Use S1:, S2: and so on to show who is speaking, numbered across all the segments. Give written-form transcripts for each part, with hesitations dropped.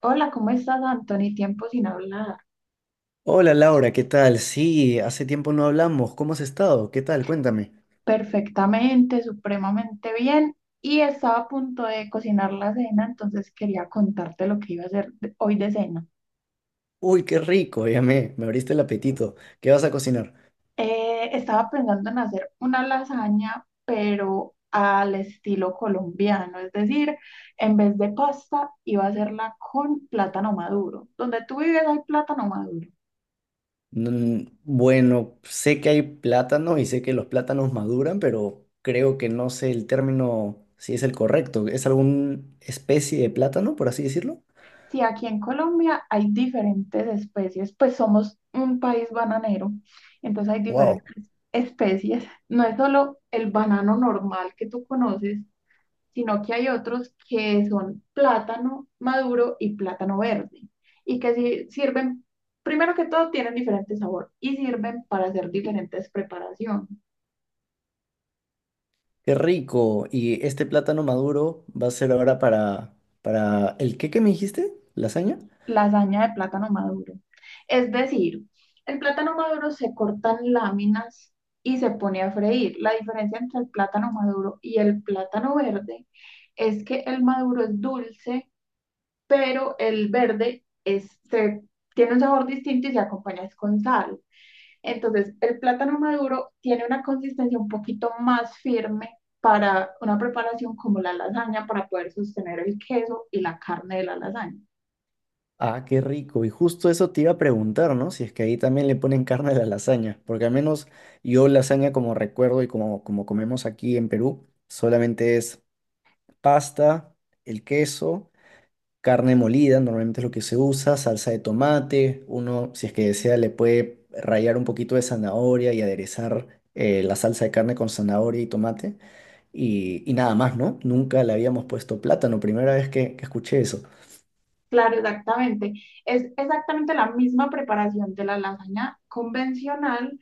S1: Hola, ¿cómo estás, Anthony? Tiempo sin hablar.
S2: Hola Laura, ¿qué tal? Sí, hace tiempo no hablamos. ¿Cómo has estado? ¿Qué tal? Cuéntame.
S1: Perfectamente, supremamente bien. Y estaba a punto de cocinar la cena, entonces quería contarte lo que iba a hacer hoy de cena.
S2: Uy, qué rico, ya me abriste el apetito. ¿Qué vas a cocinar?
S1: Estaba pensando en hacer una lasaña, pero al estilo colombiano, es decir, en vez de pasta, iba a hacerla con plátano maduro. Donde tú vives hay plátano maduro.
S2: Mm, bueno, sé que hay plátano y sé que los plátanos maduran, pero creo que no sé el término si es el correcto. ¿Es alguna especie de plátano, por así decirlo?
S1: Si aquí en Colombia hay diferentes especies, pues somos un país bananero, entonces hay
S2: Wow,
S1: diferentes especies. No es solo el banano normal que tú conoces, sino que hay otros que son plátano maduro y plátano verde, y que sirven, primero que todo, tienen diferente sabor y sirven para hacer diferentes preparaciones.
S2: qué rico. ¿Y este plátano maduro va a ser ahora para el qué que me dijiste? ¿Lasaña?
S1: Lasaña de plátano maduro. Es decir, el plátano maduro se cortan láminas y se pone a freír. La diferencia entre el plátano maduro y el plátano verde es que el maduro es dulce, pero el verde tiene un sabor distinto y se acompaña es con sal. Entonces, el plátano maduro tiene una consistencia un poquito más firme para una preparación como la lasaña, para poder sostener el queso y la carne de la lasaña.
S2: Ah, qué rico. Y justo eso te iba a preguntar, ¿no? Si es que ahí también le ponen carne a la lasaña, porque al menos yo lasaña como recuerdo y como comemos aquí en Perú, solamente es pasta, el queso, carne molida, normalmente es lo que se usa, salsa de tomate, uno si es que desea le puede rallar un poquito de zanahoria y aderezar la salsa de carne con zanahoria y tomate y nada más, ¿no? Nunca le habíamos puesto plátano, primera vez que escuché eso.
S1: Claro, exactamente. Es exactamente la misma preparación de la lasaña convencional,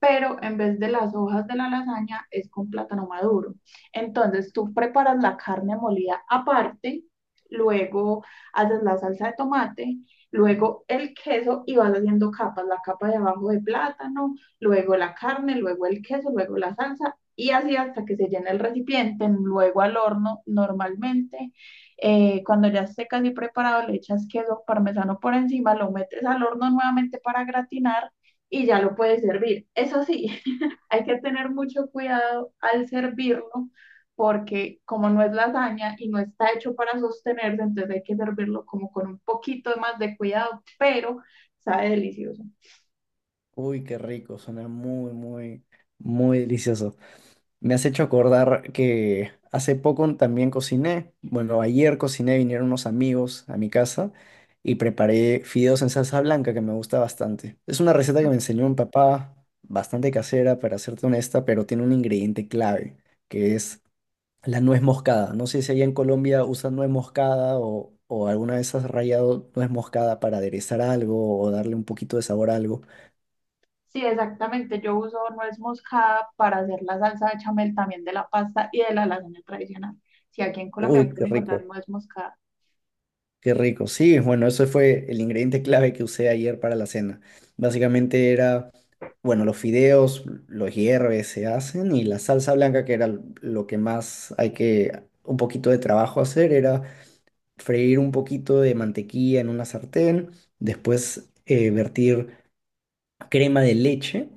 S1: pero en vez de las hojas de la lasaña es con plátano maduro. Entonces tú preparas la carne molida aparte, luego haces la salsa de tomate, luego el queso y vas haciendo capas, la capa de abajo de plátano, luego la carne, luego el queso, luego la salsa. Y así hasta que se llene el recipiente, luego al horno normalmente. Cuando ya esté casi preparado, le echas queso parmesano por encima, lo metes al horno nuevamente para gratinar y ya lo puedes servir. Eso sí, hay que tener mucho cuidado al servirlo porque como no es lasaña y no está hecho para sostenerse, entonces hay que servirlo como con un poquito más de cuidado, pero sabe delicioso.
S2: Uy, qué rico, suena muy delicioso. Me has hecho acordar que hace poco también cociné. Bueno, ayer cociné, vinieron unos amigos a mi casa y preparé fideos en salsa blanca que me gusta bastante. Es una receta que me enseñó mi papá, bastante casera, para serte honesta, pero tiene un ingrediente clave, que es la nuez moscada. No sé si allá en Colombia usan nuez moscada o alguna vez has rallado nuez moscada para aderezar algo o darle un poquito de sabor a algo.
S1: Sí, exactamente. Yo uso nuez moscada para hacer la salsa de chamel también de la pasta y de la lasaña tradicional. Si aquí en Colombia
S2: Uy, qué
S1: pueden
S2: Claro.
S1: encontrar
S2: rico.
S1: nuez moscada.
S2: Qué rico. Sí, bueno, eso fue el ingrediente clave que usé ayer para la cena. Básicamente era, bueno, los fideos, los hierves, se hacen y la salsa blanca, que era lo que más hay que, un poquito de trabajo hacer, era freír un poquito de mantequilla en una sartén, después vertir crema de leche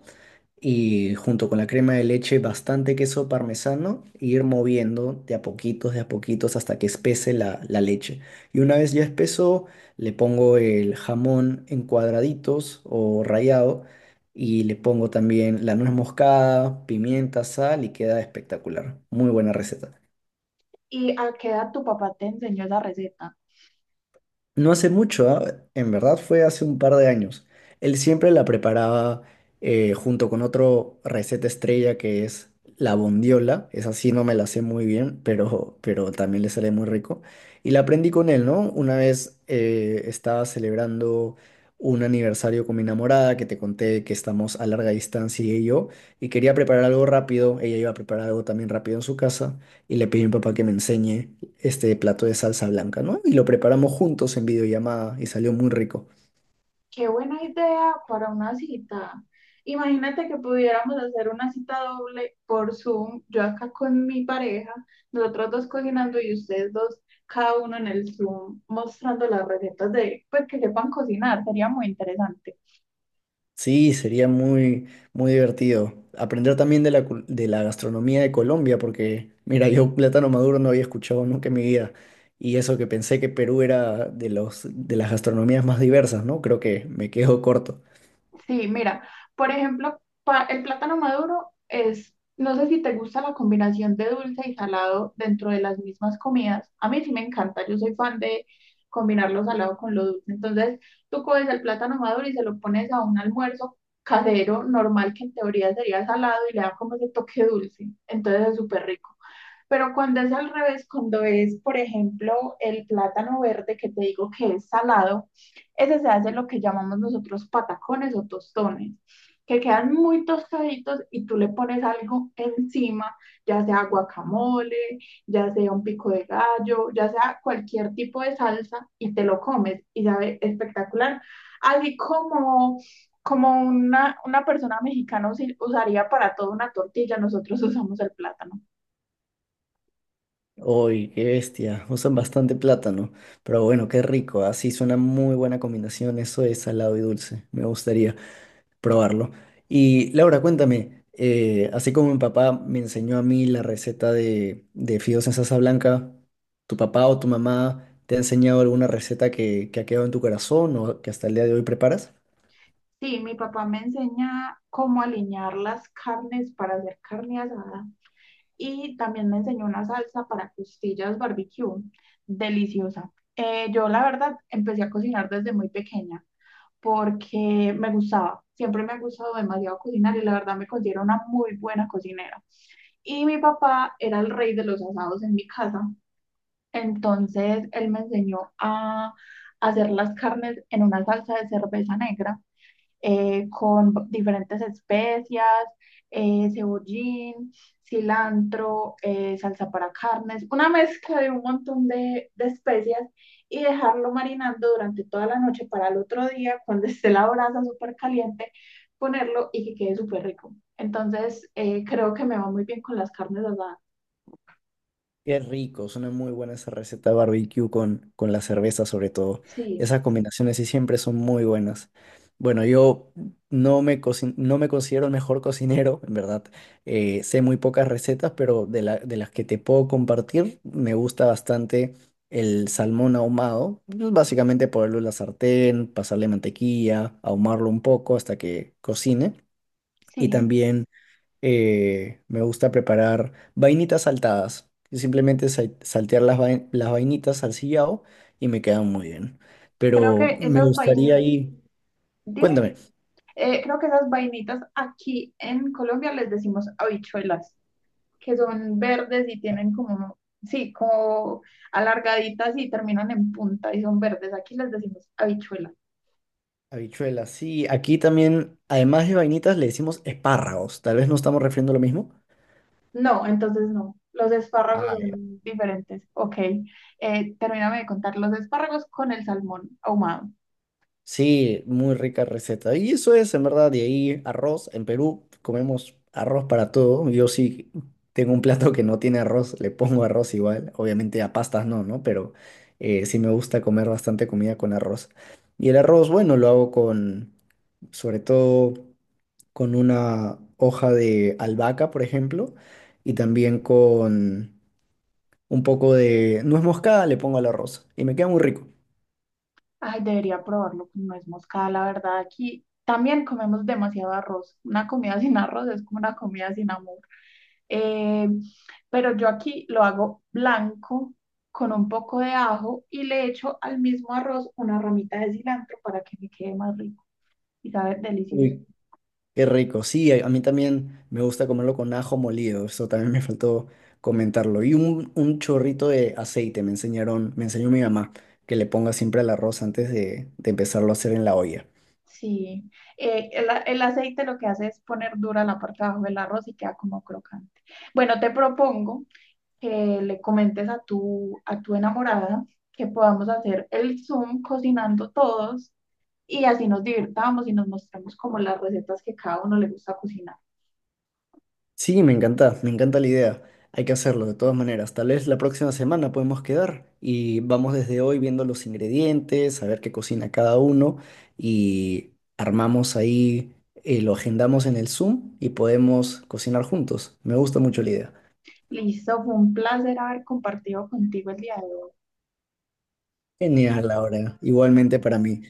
S2: y junto con la crema de leche bastante queso parmesano e ir moviendo de a poquitos hasta que espese la leche. Y una vez ya espeso, le pongo el jamón en cuadraditos o rallado y le pongo también la nuez moscada, pimienta, sal y queda espectacular. Muy buena receta.
S1: ¿Y a qué edad tu papá te enseñó esa receta?
S2: No hace mucho, ¿ah? En verdad fue hace un par de años. Él siempre la preparaba junto con otro receta estrella que es la bondiola. Esa sí no me la sé muy bien, pero también le sale muy rico. Y la aprendí con él, ¿no? Una vez estaba celebrando un aniversario con mi enamorada, que te conté que estamos a larga distancia ella y yo, y quería preparar algo rápido. Ella iba a preparar algo también rápido en su casa y le pedí a mi papá que me enseñe este plato de salsa blanca, ¿no? Y lo preparamos juntos en videollamada y salió muy rico.
S1: Qué buena idea para una cita. Imagínate que pudiéramos hacer una cita doble por Zoom, yo acá con mi pareja, nosotros dos cocinando y ustedes dos, cada uno en el Zoom, mostrando las recetas de, pues que sepan cocinar, sería muy interesante.
S2: Sí, sería muy divertido. Aprender también de de la gastronomía de Colombia, porque mira, yo plátano maduro no había escuchado nunca en mi vida. Y eso que pensé que Perú era de de las gastronomías más diversas, ¿no? Creo que me quedo corto.
S1: Sí, mira, por ejemplo, el plátano maduro es, no sé si te gusta la combinación de dulce y salado dentro de las mismas comidas. A mí sí me encanta, yo soy fan de combinar lo salado con lo dulce. Entonces, tú coges el plátano maduro y se lo pones a un almuerzo casero normal que en teoría sería salado y le da como ese toque dulce. Entonces es súper rico. Pero cuando es al revés, cuando es, por ejemplo, el plátano verde que te digo que es salado, ese se hace lo que llamamos nosotros patacones o tostones, que quedan muy tostaditos y tú le pones algo encima, ya sea guacamole, ya sea un pico de gallo, ya sea cualquier tipo de salsa y te lo comes y sabe espectacular. Así como como una, persona mexicana usaría para todo una tortilla, nosotros usamos el plátano.
S2: Uy, qué bestia, usan bastante plátano. Pero bueno, qué rico, así suena muy buena combinación eso de salado y dulce. Me gustaría probarlo. Y Laura, cuéntame, así como mi papá me enseñó a mí la receta de fideos en salsa blanca, ¿tu papá o tu mamá te ha enseñado alguna receta que ha quedado en tu corazón o que hasta el día de hoy preparas?
S1: Sí, mi papá me enseña cómo alinear las carnes para hacer carne asada y también me enseñó una salsa para costillas barbecue, deliciosa. Yo la verdad empecé a cocinar desde muy pequeña porque me gustaba, siempre me ha gustado demasiado cocinar y la verdad me considero una muy buena cocinera. Y mi papá era el rey de los asados en mi casa, entonces él me enseñó a hacer las carnes en una salsa de cerveza negra con diferentes especias, cebollín, cilantro, salsa para carnes, una mezcla de un montón de especias y dejarlo marinando durante toda la noche para el otro día, cuando esté la brasa súper caliente, ponerlo y que quede súper rico. Entonces, creo que me va muy bien con las carnes asadas.
S2: Qué rico, suena muy buena esa receta barbecue con la cerveza sobre todo.
S1: Sí,
S2: Esas combinaciones sí siempre son muy buenas. Bueno, yo no me considero el mejor cocinero, en verdad. Sé muy pocas recetas, pero de las que te puedo compartir, me gusta bastante el salmón ahumado. Pues básicamente ponerlo en la sartén, pasarle mantequilla, ahumarlo un poco hasta que cocine. Y
S1: sí.
S2: también me gusta preparar vainitas saltadas. Y simplemente saltear las vainitas al sillao y me quedan muy bien.
S1: Creo
S2: Pero
S1: que
S2: me
S1: esas
S2: gustaría
S1: vainitas,
S2: ahí,
S1: dime,
S2: cuéntame,
S1: creo que esas vainitas aquí en Colombia les decimos habichuelas. Que son verdes y tienen como, sí, como alargaditas y terminan en punta y son verdes. Aquí les decimos habichuela.
S2: habichuelas, sí, aquí también, además de vainitas, le decimos espárragos. Tal vez no estamos refiriendo lo mismo.
S1: No, entonces no. Los espárragos
S2: Ah,
S1: son diferentes. Ok. Termíname de contar los espárragos con el salmón ahumado.
S2: sí, muy rica receta. Y eso es, en verdad, de ahí arroz. En Perú comemos arroz para todo. Yo sí tengo un plato que no tiene arroz, le pongo arroz igual. Obviamente a pastas no, ¿no? Pero sí me gusta comer bastante comida con arroz. Y el arroz, bueno, lo hago con, sobre todo, con una hoja de albahaca, por ejemplo, y también con un poco de nuez moscada le pongo al arroz. Y me queda muy rico.
S1: Ay, debería probarlo con nuez moscada, la verdad. Aquí también comemos demasiado arroz. Una comida sin arroz es como una comida sin amor. Eh, pero yo aquí lo hago blanco con un poco de ajo y le echo al mismo arroz una ramita de cilantro para que me quede más rico y sabe delicioso.
S2: Qué rico. Sí, a mí también me gusta comerlo con ajo molido. Eso también me faltó comentarlo. Y un chorrito de aceite me enseñó mi mamá que le ponga siempre al arroz antes de empezarlo a hacer en la olla.
S1: Sí, el aceite lo que hace es poner dura la parte de abajo del arroz y queda como crocante. Bueno, te propongo que le comentes a tu enamorada que podamos hacer el Zoom cocinando todos y así nos divirtamos y nos mostramos como las recetas que cada uno le gusta cocinar.
S2: Sí, me encanta la idea. Hay que hacerlo de todas maneras. Tal vez la próxima semana podemos quedar y vamos desde hoy viendo los ingredientes, a ver qué cocina cada uno y armamos ahí, lo agendamos en el Zoom y podemos cocinar juntos. Me gusta mucho la idea.
S1: Listo, fue un placer haber compartido contigo el día de hoy.
S2: Genial, Laura. Igualmente para mí.